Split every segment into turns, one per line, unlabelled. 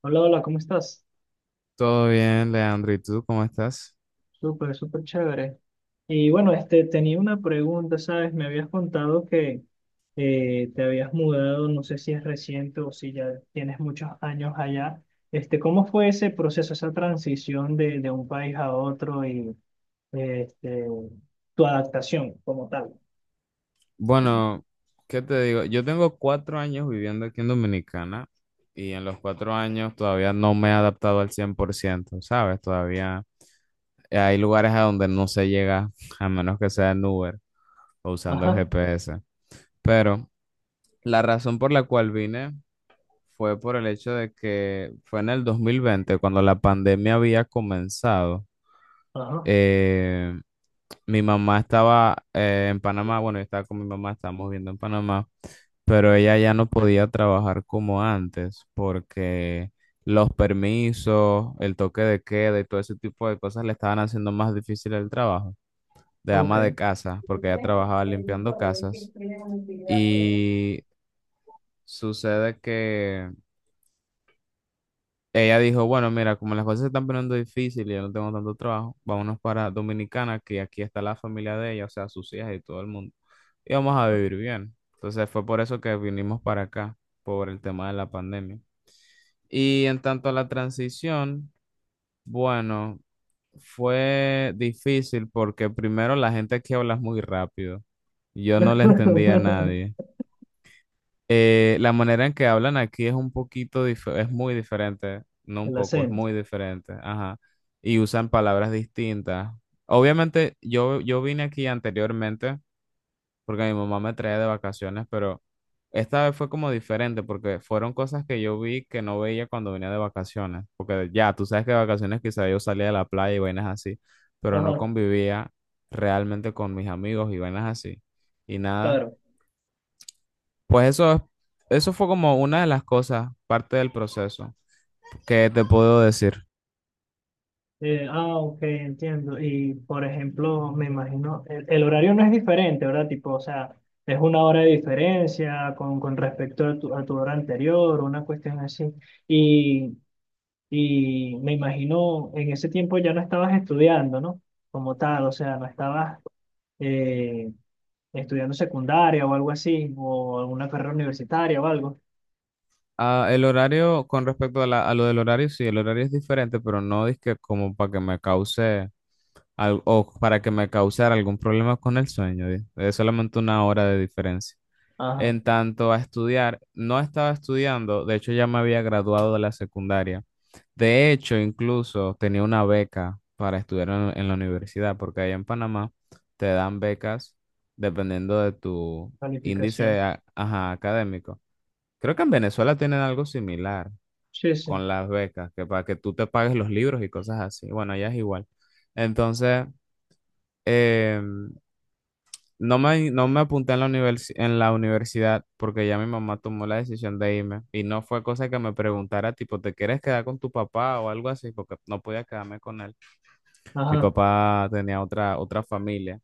Hola, hola, ¿cómo estás?
Todo bien, Leandro. ¿Y tú cómo estás?
Súper, súper chévere. Y bueno, este, tenía una pregunta, ¿sabes? Me habías contado que te habías mudado, no sé si es reciente o si ya tienes muchos años allá. Este, ¿cómo fue ese proceso, esa transición de un país a otro y este, tu adaptación como tal?
Bueno, ¿qué te digo? Yo tengo 4 años viviendo aquí en Dominicana y en los 4 años todavía no me he adaptado al 100%, ¿sabes? Todavía hay lugares a donde no se llega a menos que sea en Uber o usando el
Ajá,
GPS. Pero la razón por la cual vine fue por el hecho de que fue en el 2020 cuando la pandemia había comenzado.
ajá,
Eh, Mi mamá estaba en Panamá, bueno, yo estaba con mi mamá, estábamos viendo en Panamá, pero ella ya no podía trabajar como antes porque los permisos, el toque de queda y todo ese tipo de cosas le estaban haciendo más difícil el trabajo de ama de
ok.
casa, porque ella trabajaba limpiando casas y sucede que ella dijo, bueno, mira, como las cosas se están poniendo difíciles, y yo no tengo tanto trabajo, vámonos para Dominicana, que aquí está la familia de ella, o sea, sus hijas y todo el mundo. Y vamos a vivir bien. Entonces fue por eso que vinimos para acá, por el tema de la pandemia. Y en tanto a la transición, bueno, fue difícil porque primero la gente aquí habla muy rápido. Yo no le entendía a nadie. La manera en que hablan aquí es un poquito, es muy diferente, no un
El
poco, es
acento.
muy diferente, ajá, y usan palabras distintas. Obviamente, yo vine aquí anteriormente porque mi mamá me traía de vacaciones, pero esta vez fue como diferente porque fueron cosas que yo vi que no veía cuando venía de vacaciones, porque ya, tú sabes que de vacaciones quizá yo salía de la playa y vainas así, pero no
Ajá,
convivía realmente con mis amigos y vainas así, y nada.
claro.
Pues eso es- Eso fue como una de las cosas, parte del proceso, que te puedo decir.
Ah, ok, entiendo. Y por ejemplo, me imagino, el horario no es diferente, ¿verdad? Tipo, o sea, es una hora de diferencia con respecto a tu hora anterior, una cuestión así. Y, y me imagino, en ese tiempo ya no estabas estudiando, ¿no? Como tal, o sea, no estabas eh, estudiando secundaria o algo así, o alguna carrera universitaria o algo.
Ah, el horario, con respecto a, a lo del horario, sí, el horario es diferente, pero no es que como para que me cause o para que me causara algún problema con el sueño, es solamente 1 hora de diferencia.
Ajá,
En tanto a estudiar, no estaba estudiando, de hecho ya me había graduado de la secundaria. De hecho, incluso tenía una beca para estudiar en la universidad, porque allá en Panamá te dan becas dependiendo de tu
calificación.
ajá, académico. Creo que en Venezuela tienen algo similar
Sí, sí.
con las becas, que para que tú te pagues los libros y cosas así. Bueno, allá es igual. Entonces, eh, no me apunté en en la universidad porque ya mi mamá tomó la decisión de irme y no fue cosa que me preguntara, tipo, ¿te quieres quedar con tu papá o algo así? Porque no podía quedarme con él. Mi
Ajá.
papá tenía otra familia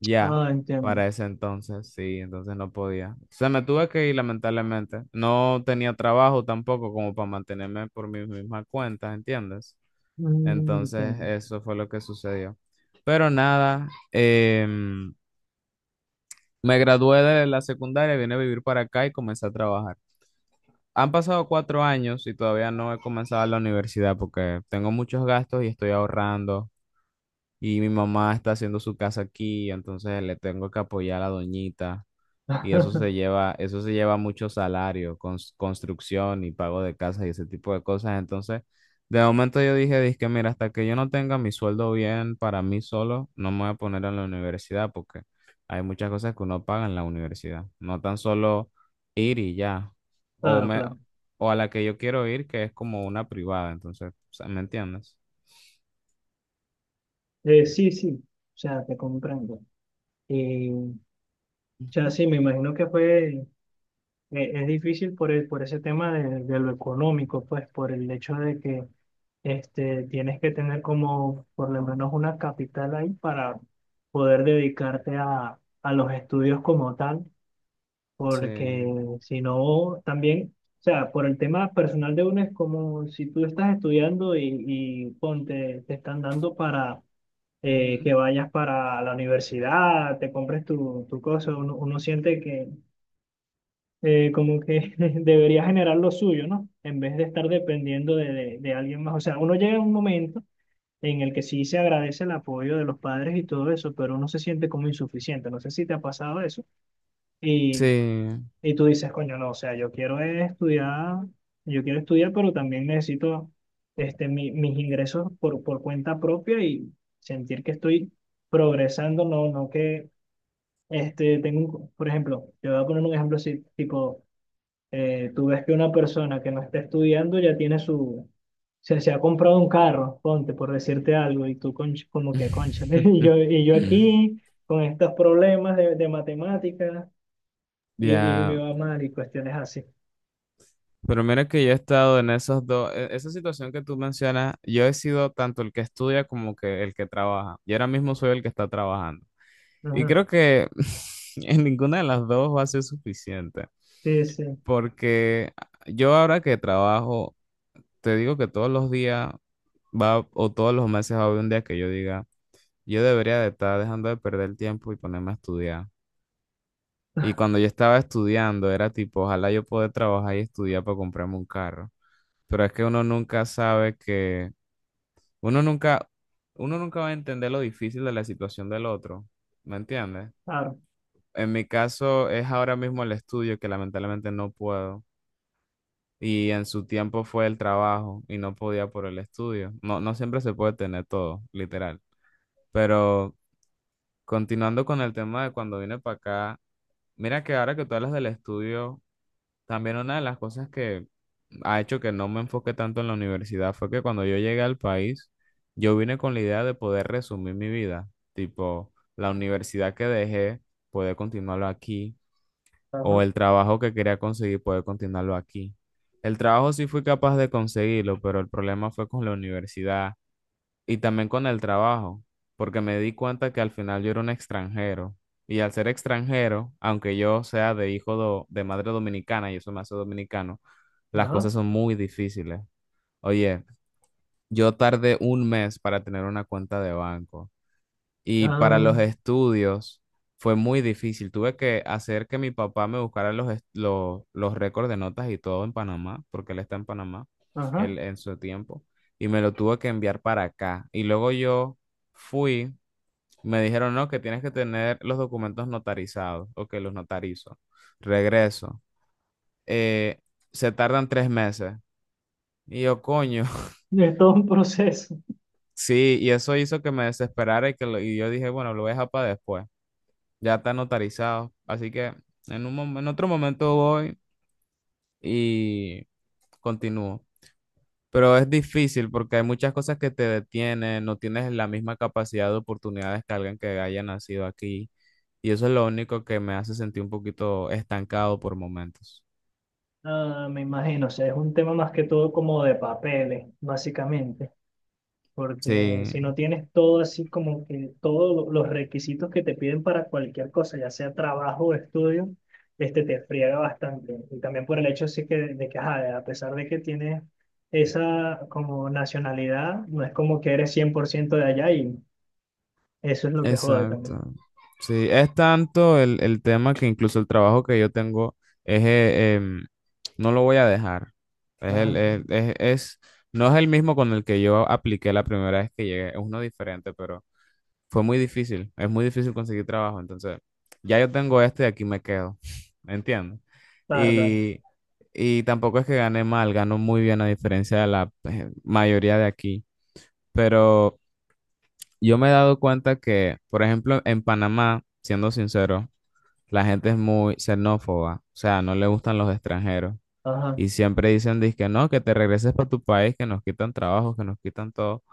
ya
Ah, entiendo.
para ese entonces, sí, entonces no podía. Se me tuve que ir lamentablemente. No tenía trabajo tampoco como para mantenerme por mis mismas cuentas, ¿entiendes?
Mm,
Entonces
entiendo.
eso fue lo que sucedió. Pero nada, me gradué de la secundaria, vine a vivir para acá y comencé a trabajar. Han pasado 4 años y todavía no he comenzado la universidad porque tengo muchos gastos y estoy ahorrando. Y mi mamá está haciendo su casa aquí, entonces le tengo que apoyar a la doñita. Y eso se lleva mucho salario, construcción y pago de casa y ese tipo de cosas. Entonces, de momento yo dije, dije mira, hasta que yo no tenga mi sueldo bien para mí solo, no me voy a poner en la universidad porque hay muchas cosas que uno paga en la universidad. No tan solo ir y ya. O
Claro,
me,
claro.
o a la que yo quiero ir, que es como una privada. Entonces, o sea, ¿me entiendes?
Sí, sí, o sea, te comprendo. Y, o sea,
Ujú.
sí, me imagino que fue, es difícil por el, por ese tema de lo económico, pues, por el hecho de que este, tienes que tener como por lo menos una capital ahí para poder dedicarte a los estudios como tal, porque
Sí.
si no, también, o sea, por el tema personal de uno es como si tú estás estudiando y ponte, te están dando para
Ujú.
que vayas para la universidad, te compres tu, tu cosa, uno, uno siente que como que debería generar lo suyo, ¿no? En vez de estar dependiendo de alguien más. O sea, uno llega a un momento en el que sí se agradece el apoyo de los padres y todo eso, pero uno se siente como insuficiente. No sé si te ha pasado eso. Y
Sí.
y tú dices, coño, no, o sea, yo quiero es estudiar, yo quiero estudiar, pero también necesito este, mis ingresos por cuenta propia y sentir que estoy progresando, no, no que este, tengo, por ejemplo, yo voy a poner un ejemplo así, tipo, tú ves que una persona que no está estudiando ya tiene su, se ha comprado un carro, ponte, por decirte algo, y tú como que, concha, y yo aquí con estos problemas de matemáticas y, y me
Ya,
va mal y cuestiones así.
pero mira que yo he estado en esos dos, esa situación que tú mencionas, yo he sido tanto el que estudia como que el que trabaja. Y ahora mismo soy el que está trabajando. Y
Ujú,
creo que en ninguna de las dos va a ser suficiente,
sí, sí,
porque yo ahora que trabajo, te digo que todos los días va o todos los meses va a haber un día que yo diga, yo debería de estar dejando de perder el tiempo y ponerme a estudiar. Y cuando yo estaba estudiando, era tipo, ojalá yo pueda trabajar y estudiar para comprarme un carro. Pero es que uno nunca sabe que, uno nunca, uno nunca va a entender lo difícil de la situación del otro. ¿Me entiendes?
claro.
En mi caso es ahora mismo el estudio que lamentablemente no puedo. Y en su tiempo fue el trabajo y no podía por el estudio. No, no siempre se puede tener todo, literal. Pero continuando con el tema de cuando vine para acá, mira que ahora que tú hablas del estudio, también una de las cosas que ha hecho que no me enfoque tanto en la universidad fue que cuando yo llegué al país, yo vine con la idea de poder resumir mi vida, tipo la universidad que dejé, poder continuarlo aquí, o
Ajá,
el trabajo que quería conseguir, poder continuarlo aquí. El trabajo sí fui capaz de conseguirlo, pero el problema fue con la universidad, y también con el trabajo, porque me di cuenta que al final yo era un extranjero. Y al ser extranjero, aunque yo sea de de madre dominicana y eso me hace dominicano, las
ajá,
cosas son muy difíciles. Oye, yo tardé 1 mes para tener una cuenta de banco. Y para
ah,
los estudios fue muy difícil. Tuve que hacer que mi papá me buscara los récords de notas y todo en Panamá, porque él está en Panamá,
ajá.
él en su tiempo, y me lo tuvo que enviar para acá. Y luego yo fui, me dijeron, no, que tienes que tener los documentos notarizados, o que los notarizo. Regreso. Eh, Se tardan 3 meses. Y yo, coño,
Es todo un proceso.
sí, y eso hizo que me desesperara y y yo dije, bueno, lo voy a dejar para después. Ya está notarizado. Así que en otro momento voy y continúo. Pero es difícil porque hay muchas cosas que te detienen, no tienes la misma capacidad de oportunidades que alguien que haya nacido aquí. Y eso es lo único que me hace sentir un poquito estancado por momentos.
Ah, me imagino, o sea, es un tema más que todo como de papeles, básicamente, porque
Sí,
si no tienes todo así como que todos los requisitos que te piden para cualquier cosa, ya sea trabajo o estudio, este te friega bastante. Y también por el hecho sí que de que, ajá, a pesar de que tienes esa como nacionalidad, no es como que eres 100% de allá y eso es lo que jode
exacto.
también.
Sí, es tanto el tema que incluso el trabajo que yo tengo es, no lo voy a dejar. Es
Ajá.
el- es- No es el mismo con el que yo apliqué la primera vez que llegué, es uno diferente, pero fue muy difícil, es muy difícil conseguir trabajo. Entonces, ya yo tengo este y aquí me quedo, ¿me entiendes?
Carga,
Y, y tampoco es que gane mal, gano muy bien a diferencia de la mayoría de aquí, pero... Yo me he dado cuenta que, por ejemplo, en Panamá, siendo sincero, la gente es muy xenófoba, o sea, no le gustan los extranjeros
ajá,
y siempre dicen, que no, que te regreses para tu país, que nos quitan trabajo, que nos quitan todo.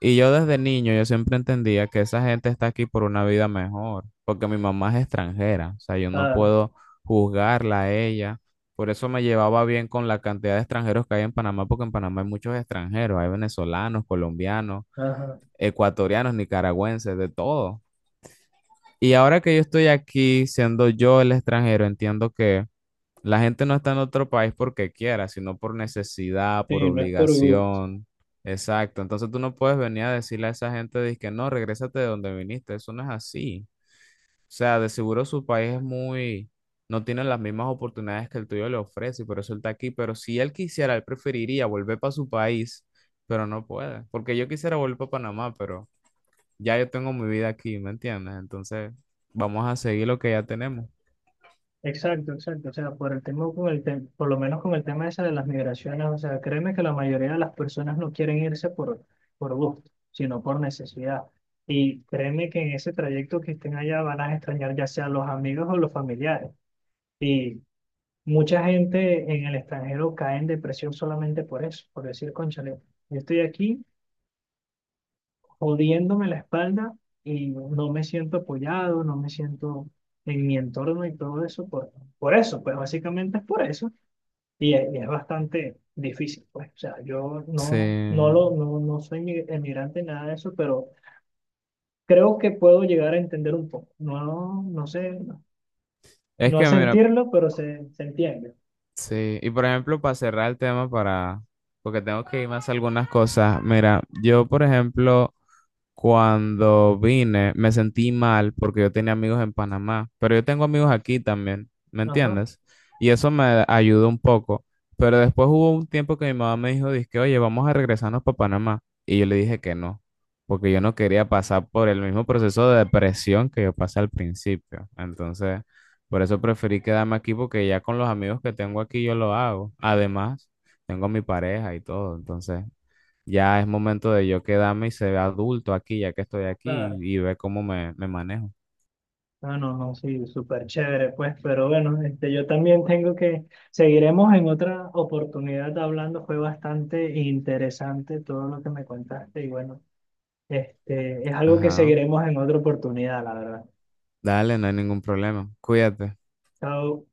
Y yo desde niño, yo siempre entendía que esa gente está aquí por una vida mejor, porque mi mamá es extranjera, o sea, yo no
claro,
puedo juzgarla a ella. Por eso me llevaba bien con la cantidad de extranjeros que hay en Panamá, porque en Panamá hay muchos extranjeros, hay venezolanos, colombianos,
ajá.
ecuatorianos, nicaragüenses, de todo. Y ahora que yo estoy aquí, siendo yo el extranjero, entiendo que la gente no está en otro país porque quiera, sino por necesidad, por
Sí, no es por gusto.
obligación. Exacto. Entonces tú no puedes venir a decirle a esa gente, de que no, regrésate de donde viniste. Eso no es así. O sea, de seguro su país es muy, no tiene las mismas oportunidades que el tuyo le ofrece y por eso él está aquí. Pero si él quisiera, él preferiría volver para su país, pero no puede. Porque yo quisiera volver para Panamá, pero ya yo tengo mi vida aquí, ¿me entiendes? Entonces, vamos a seguir lo que ya tenemos.
Exacto, exacto. O sea, por el tema con el por lo menos con el tema ese de las migraciones, o sea, créeme que la mayoría de las personas no quieren irse por gusto, sino por necesidad. Y créeme que en ese trayecto que estén allá van a extrañar ya sea los amigos o los familiares. Y mucha gente en el extranjero cae en depresión solamente por eso, por decir, cónchale, yo estoy aquí jodiéndome la espalda y no me siento apoyado, no me siento en mi entorno y todo eso por eso, pues básicamente es por eso y es bastante difícil, pues, o sea, yo no, no,
Sí.
lo, no, no soy emigrante, nada de eso, pero creo que puedo llegar a entender un poco, no, no sé, no,
Es
no a
que, mira,
sentirlo, pero se entiende,
sí. Y por ejemplo, para cerrar el tema, para, porque tengo que irme a hacer algunas cosas. Mira, yo, por ejemplo, cuando vine, me sentí mal porque yo tenía amigos en Panamá, pero yo tengo amigos aquí también, ¿me
ajá,
entiendes? Y eso me ayudó un poco. Pero después hubo un tiempo que mi mamá me dijo, dizque, oye, vamos a regresarnos para Panamá. Y yo le dije que no, porque yo no quería pasar por el mismo proceso de depresión que yo pasé al principio. Entonces, por eso preferí quedarme aquí porque ya con los amigos que tengo aquí yo lo hago. Además, tengo a mi pareja y todo, entonces... Ya es momento de yo quedarme y ser adulto aquí, ya que estoy aquí,
claro.
y ver cómo me, me manejo.
No, no, no, sí, súper chévere, pues, pero bueno, este, yo también tengo que, seguiremos en otra oportunidad hablando, fue bastante interesante todo lo que me contaste y bueno, este, es algo que
Ajá.
seguiremos en otra oportunidad, la verdad.
Dale, no hay ningún problema. Cuídate.
Chao.